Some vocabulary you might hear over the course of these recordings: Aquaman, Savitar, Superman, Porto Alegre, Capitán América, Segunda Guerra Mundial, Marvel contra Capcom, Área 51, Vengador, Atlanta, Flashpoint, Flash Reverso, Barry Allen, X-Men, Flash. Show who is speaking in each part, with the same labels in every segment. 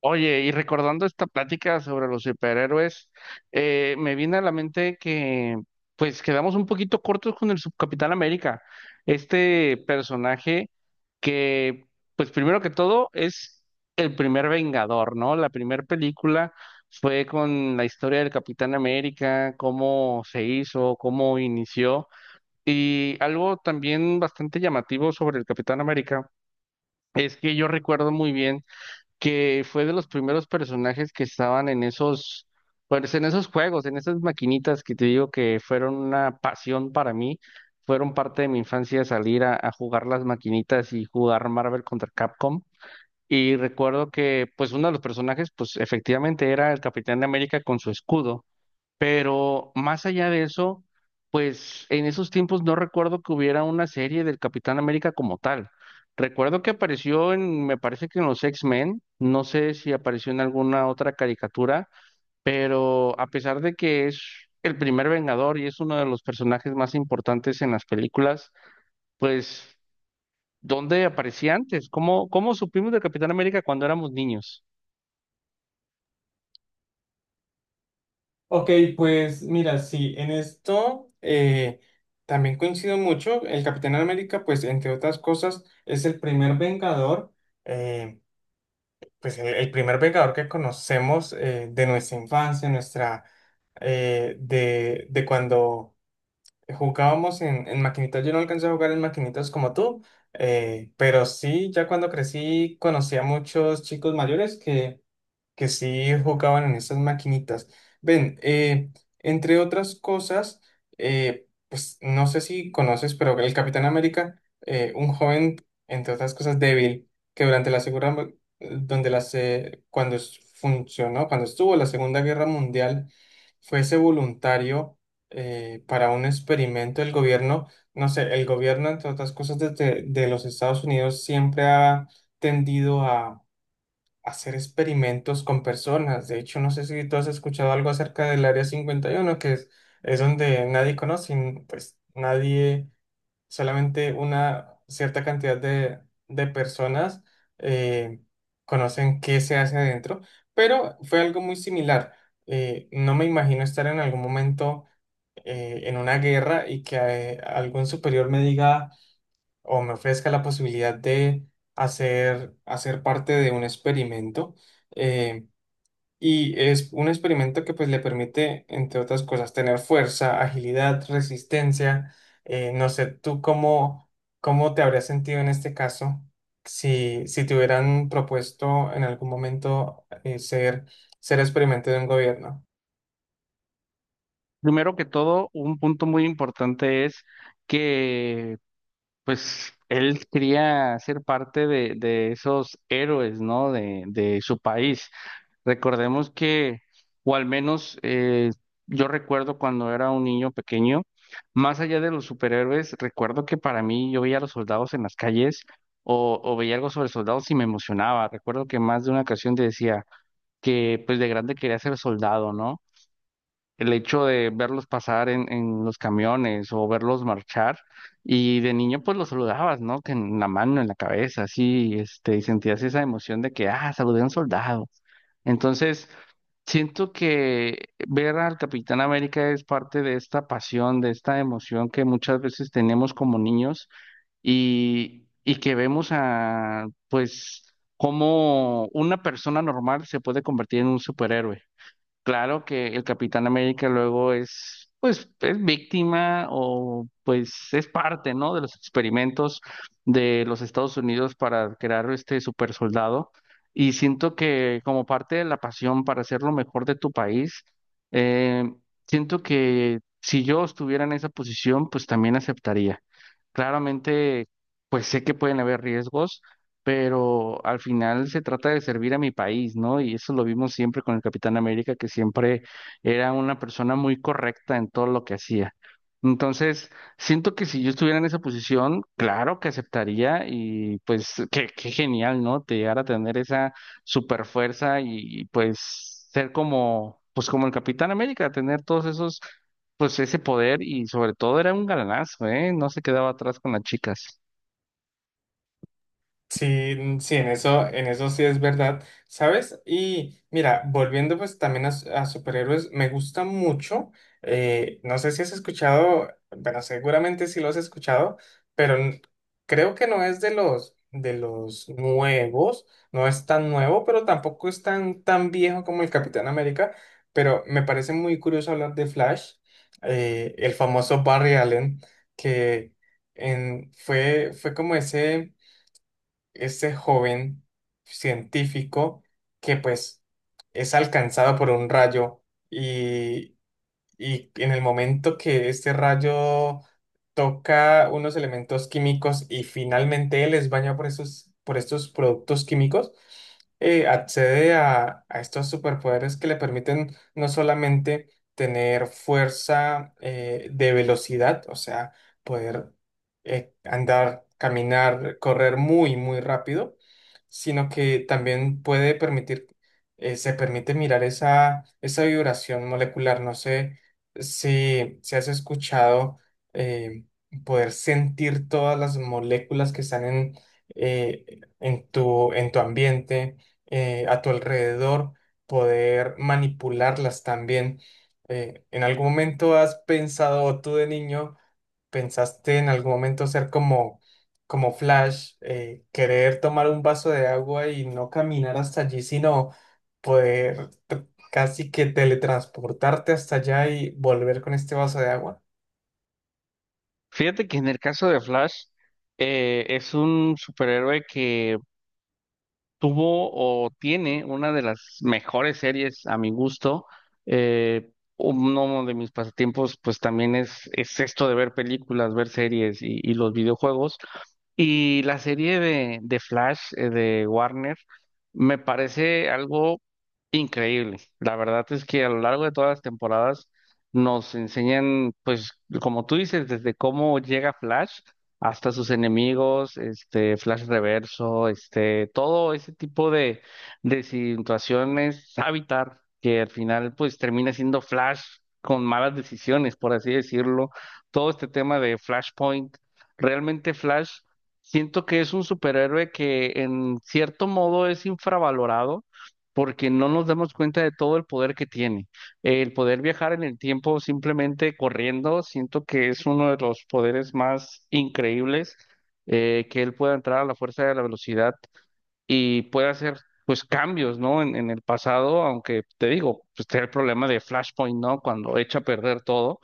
Speaker 1: Oye, y recordando esta plática sobre los superhéroes, me viene a la mente que pues quedamos un poquito cortos con el Subcapitán América, este personaje que pues primero que todo es el primer Vengador, ¿no? La primera película fue con la historia del Capitán América, cómo se hizo, cómo inició, y algo también bastante llamativo sobre el Capitán América es que yo recuerdo muy bien que fue de los primeros personajes que estaban en esos, pues en esos juegos, en esas maquinitas que te digo que fueron una pasión para mí, fueron parte de mi infancia salir a jugar las maquinitas y jugar Marvel contra Capcom. Y recuerdo que pues uno de los personajes pues efectivamente era el Capitán de América con su escudo. Pero más allá de eso, pues en esos tiempos no recuerdo que hubiera una serie del Capitán América como tal. Recuerdo que apareció en, me parece que en los X-Men, no sé si apareció en alguna otra caricatura, pero a pesar de que es el primer Vengador y es uno de los personajes más importantes en las películas, pues ¿dónde aparecía antes? ¿Cómo supimos del Capitán América cuando éramos niños?
Speaker 2: Ok, pues mira, sí, en esto también coincido mucho. El Capitán América, pues entre otras cosas, es el primer Vengador, eh, pues el primer Vengador que conocemos de nuestra infancia, de cuando jugábamos en maquinitas. Yo no alcancé a jugar en maquinitas como tú, pero sí, ya cuando crecí conocí a muchos chicos mayores que sí jugaban en estas maquinitas. Ven, entre otras cosas, pues no sé si conoces, pero el Capitán América, un joven, entre otras cosas, débil, que durante la segunda, donde las, funcionó, cuando estuvo la Segunda Guerra Mundial, fuese voluntario para un experimento del gobierno. No sé, el gobierno, entre otras cosas, de los Estados Unidos siempre ha tendido hacer experimentos con personas. De hecho, no sé si tú has escuchado algo acerca del Área 51, es donde nadie conoce, pues nadie, solamente una cierta cantidad de personas eh, conocen qué se hace adentro, pero fue algo muy similar. No me imagino estar en algún momento en una guerra y que algún superior me diga o me ofrezca la posibilidad de hacer parte de un experimento. eh, y es un experimento que pues le permite, entre otras cosas, tener fuerza, agilidad, resistencia. No sé, ¿tú cómo, cómo te habrías sentido en este caso si, si te hubieran propuesto en algún momento ser, ser experimento de un gobierno?
Speaker 1: Primero que todo, un punto muy importante es que pues él quería ser parte de esos héroes, ¿no? De su país. Recordemos que, o al menos yo recuerdo cuando era un niño pequeño, más allá de los superhéroes, recuerdo que para mí yo veía a los soldados en las calles o veía algo sobre soldados y me emocionaba. Recuerdo que más de una ocasión te decía que pues de grande quería ser soldado, ¿no? El hecho de verlos pasar en los camiones o verlos marchar. Y de niño pues los saludabas, ¿no? Que en la mano, en la cabeza, así, este, y sentías esa emoción de que, ah, saludé a un soldado. Entonces, siento que ver al Capitán América es parte de esta pasión, de esta emoción que muchas veces tenemos como niños y que vemos a, pues, cómo una persona normal se puede convertir en un superhéroe. Claro que el Capitán América luego es, pues, es víctima o pues es parte, ¿no? De los experimentos de los Estados Unidos para crear este super soldado. Y siento que como parte de la pasión para hacer lo mejor de tu país, eh, siento que si yo estuviera en esa posición, pues también aceptaría. Claramente, pues sé que pueden haber riesgos, pero al final se trata de servir a mi país, ¿no? Y eso lo vimos siempre con el Capitán América, que siempre era una persona muy correcta en todo lo que hacía. Entonces, siento que si yo estuviera en esa posición, claro que aceptaría y pues qué, qué genial, ¿no? Te llegar a tener esa super fuerza y pues ser como, pues como el Capitán América, tener todos esos pues ese poder, y sobre todo era un galanazo, ¿eh? No se quedaba atrás con las chicas.
Speaker 2: Sí, sí, en eso sí es verdad, ¿sabes? Y mira, volviendo pues también a, a superhéroes, me gusta mucho, no sé si has escuchado, bueno, seguramente sí lo has escuchado, pero creo que no es de los nuevos, no es tan nuevo, pero tampoco es tan, tan viejo como el Capitán América, pero me parece muy curioso hablar de Flash, el famoso Barry Allen, que fue como ese este joven científico que pues es alcanzado por un rayo y y en el momento que este rayo toca unos elementos químicos y finalmente él es bañado por estos productos químicos, accede a estos superpoderes que le permiten no solamente tener fuerza de velocidad, o sea, poder andar, caminar, correr muy, muy rápido, sino que también puede permitir, se permite mirar esa, esa vibración molecular. No sé si, si has escuchado eh, poder sentir todas las moléculas que están en tu ambiente, a tu alrededor, poder manipularlas también. ¿En algún momento has pensado o tú de niño? ¿Pensaste en algún momento ser como, como Flash, querer tomar un vaso de agua y no caminar hasta allí, sino poder casi que teletransportarte hasta allá y volver con este vaso de agua?
Speaker 1: Fíjate que en el caso de Flash, es un superhéroe que tuvo o tiene una de las mejores series a mi gusto. Eh, Uno de mis pasatiempos pues también es esto de ver películas, ver series y los videojuegos. Y la serie de Flash de Warner me parece algo increíble. La verdad es que a lo largo de todas las temporadas nos enseñan, pues, como tú dices, desde cómo llega Flash hasta sus enemigos, este, Flash Reverso, este, todo ese tipo de situaciones, Savitar, que al final, pues, termina siendo Flash con malas decisiones, por así decirlo. Todo este tema de Flashpoint. Realmente Flash. Siento que es un superhéroe que en cierto modo es infravalorado porque no nos damos cuenta de todo el poder que tiene. El poder viajar en el tiempo simplemente corriendo, siento que es uno de los poderes más increíbles, que él pueda entrar a la fuerza de la velocidad y pueda hacer pues cambios, ¿no? En el pasado, aunque te digo, pues está el problema de Flashpoint, ¿no? Cuando echa a perder todo.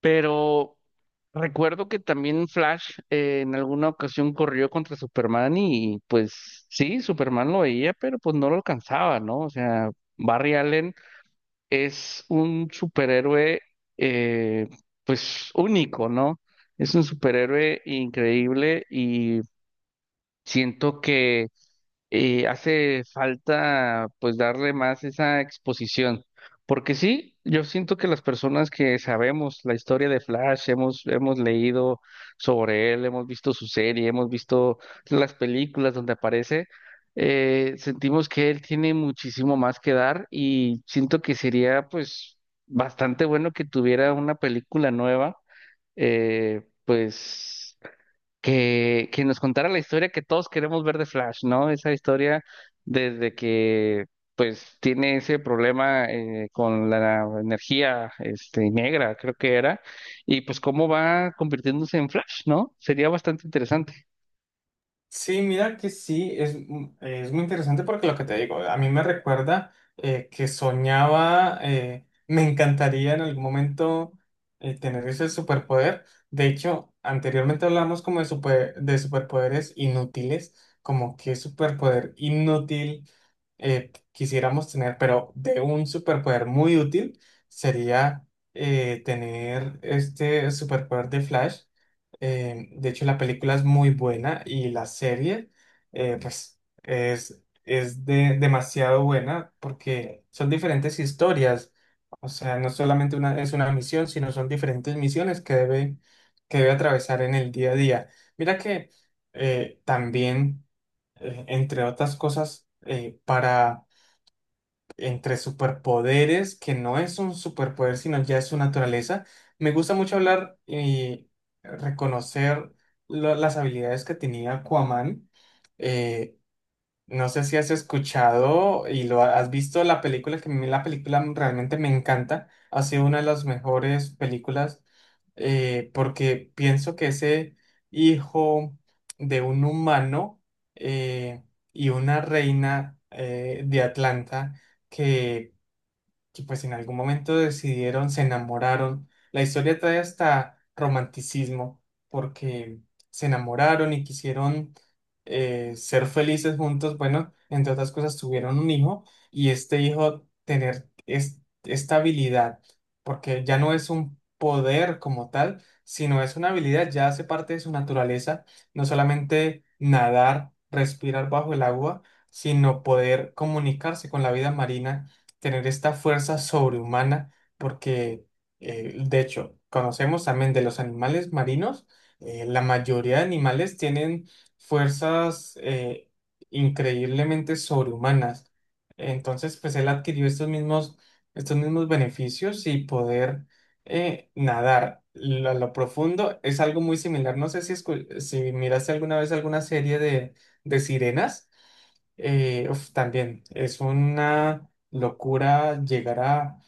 Speaker 1: Pero recuerdo que también Flash en alguna ocasión corrió contra Superman y pues sí, Superman lo veía, pero pues no lo alcanzaba, ¿no? O sea, Barry Allen es un superhéroe eh, pues único, ¿no? Es un superhéroe increíble, y siento que hace falta pues darle más esa exposición, porque sí, yo siento que las personas que sabemos la historia de Flash, hemos leído sobre él, hemos visto su serie, hemos visto las películas donde aparece, sentimos que él tiene muchísimo más que dar, y siento que sería pues bastante bueno que tuviera una película nueva, pues que nos contara la historia que todos queremos ver de Flash, ¿no? Esa historia desde que pues tiene ese problema con la energía este, negra, creo que era, y pues cómo va convirtiéndose en Flash, ¿no? Sería bastante interesante.
Speaker 2: Sí, mira que sí, es, es muy interesante porque lo que te digo, a mí me recuerda que soñaba, me encantaría en algún momento tener ese superpoder. De hecho, anteriormente hablamos como de, de superpoderes inútiles, como qué superpoder inútil quisiéramos tener, pero de un superpoder muy útil sería tener este superpoder de Flash. De hecho, la película es muy buena y la serie, pues, es, demasiado buena porque son diferentes historias. O sea, no solamente una, es una misión, sino son diferentes misiones que debe atravesar en el día a día. Mira que también, entre otras cosas, para entre superpoderes, que no es un superpoder, sino ya es su naturaleza. Me gusta mucho hablar y reconocer las habilidades que tenía Aquaman. eh, no sé si has escuchado y lo has visto la película, que a mí la película realmente me encanta. Ha sido una de las mejores películas porque pienso que ese hijo de un humano eh, y una reina de Atlanta que que pues en algún momento decidieron, se enamoraron. La historia trae hasta romanticismo, porque se enamoraron y quisieron ser felices juntos. Bueno, entre otras cosas, tuvieron un hijo y este hijo tener esta habilidad, porque ya no es un poder como tal, sino es una habilidad, ya hace parte de su naturaleza, no solamente nadar, respirar bajo el agua, sino poder comunicarse con la vida marina, tener esta fuerza sobrehumana, porque de hecho, conocemos también de los animales marinos, la mayoría de animales tienen fuerzas increíblemente sobrehumanas. Entonces, pues él adquirió estos mismos beneficios y poder nadar a lo profundo es algo muy similar. No sé si, si miraste alguna vez alguna serie de sirenas. Uf, también es una locura llegar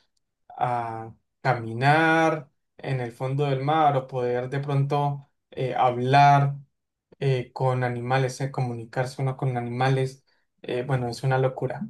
Speaker 2: a caminar en el fondo del mar o poder de pronto hablar con animales, comunicarse uno con animales. Bueno, es una locura.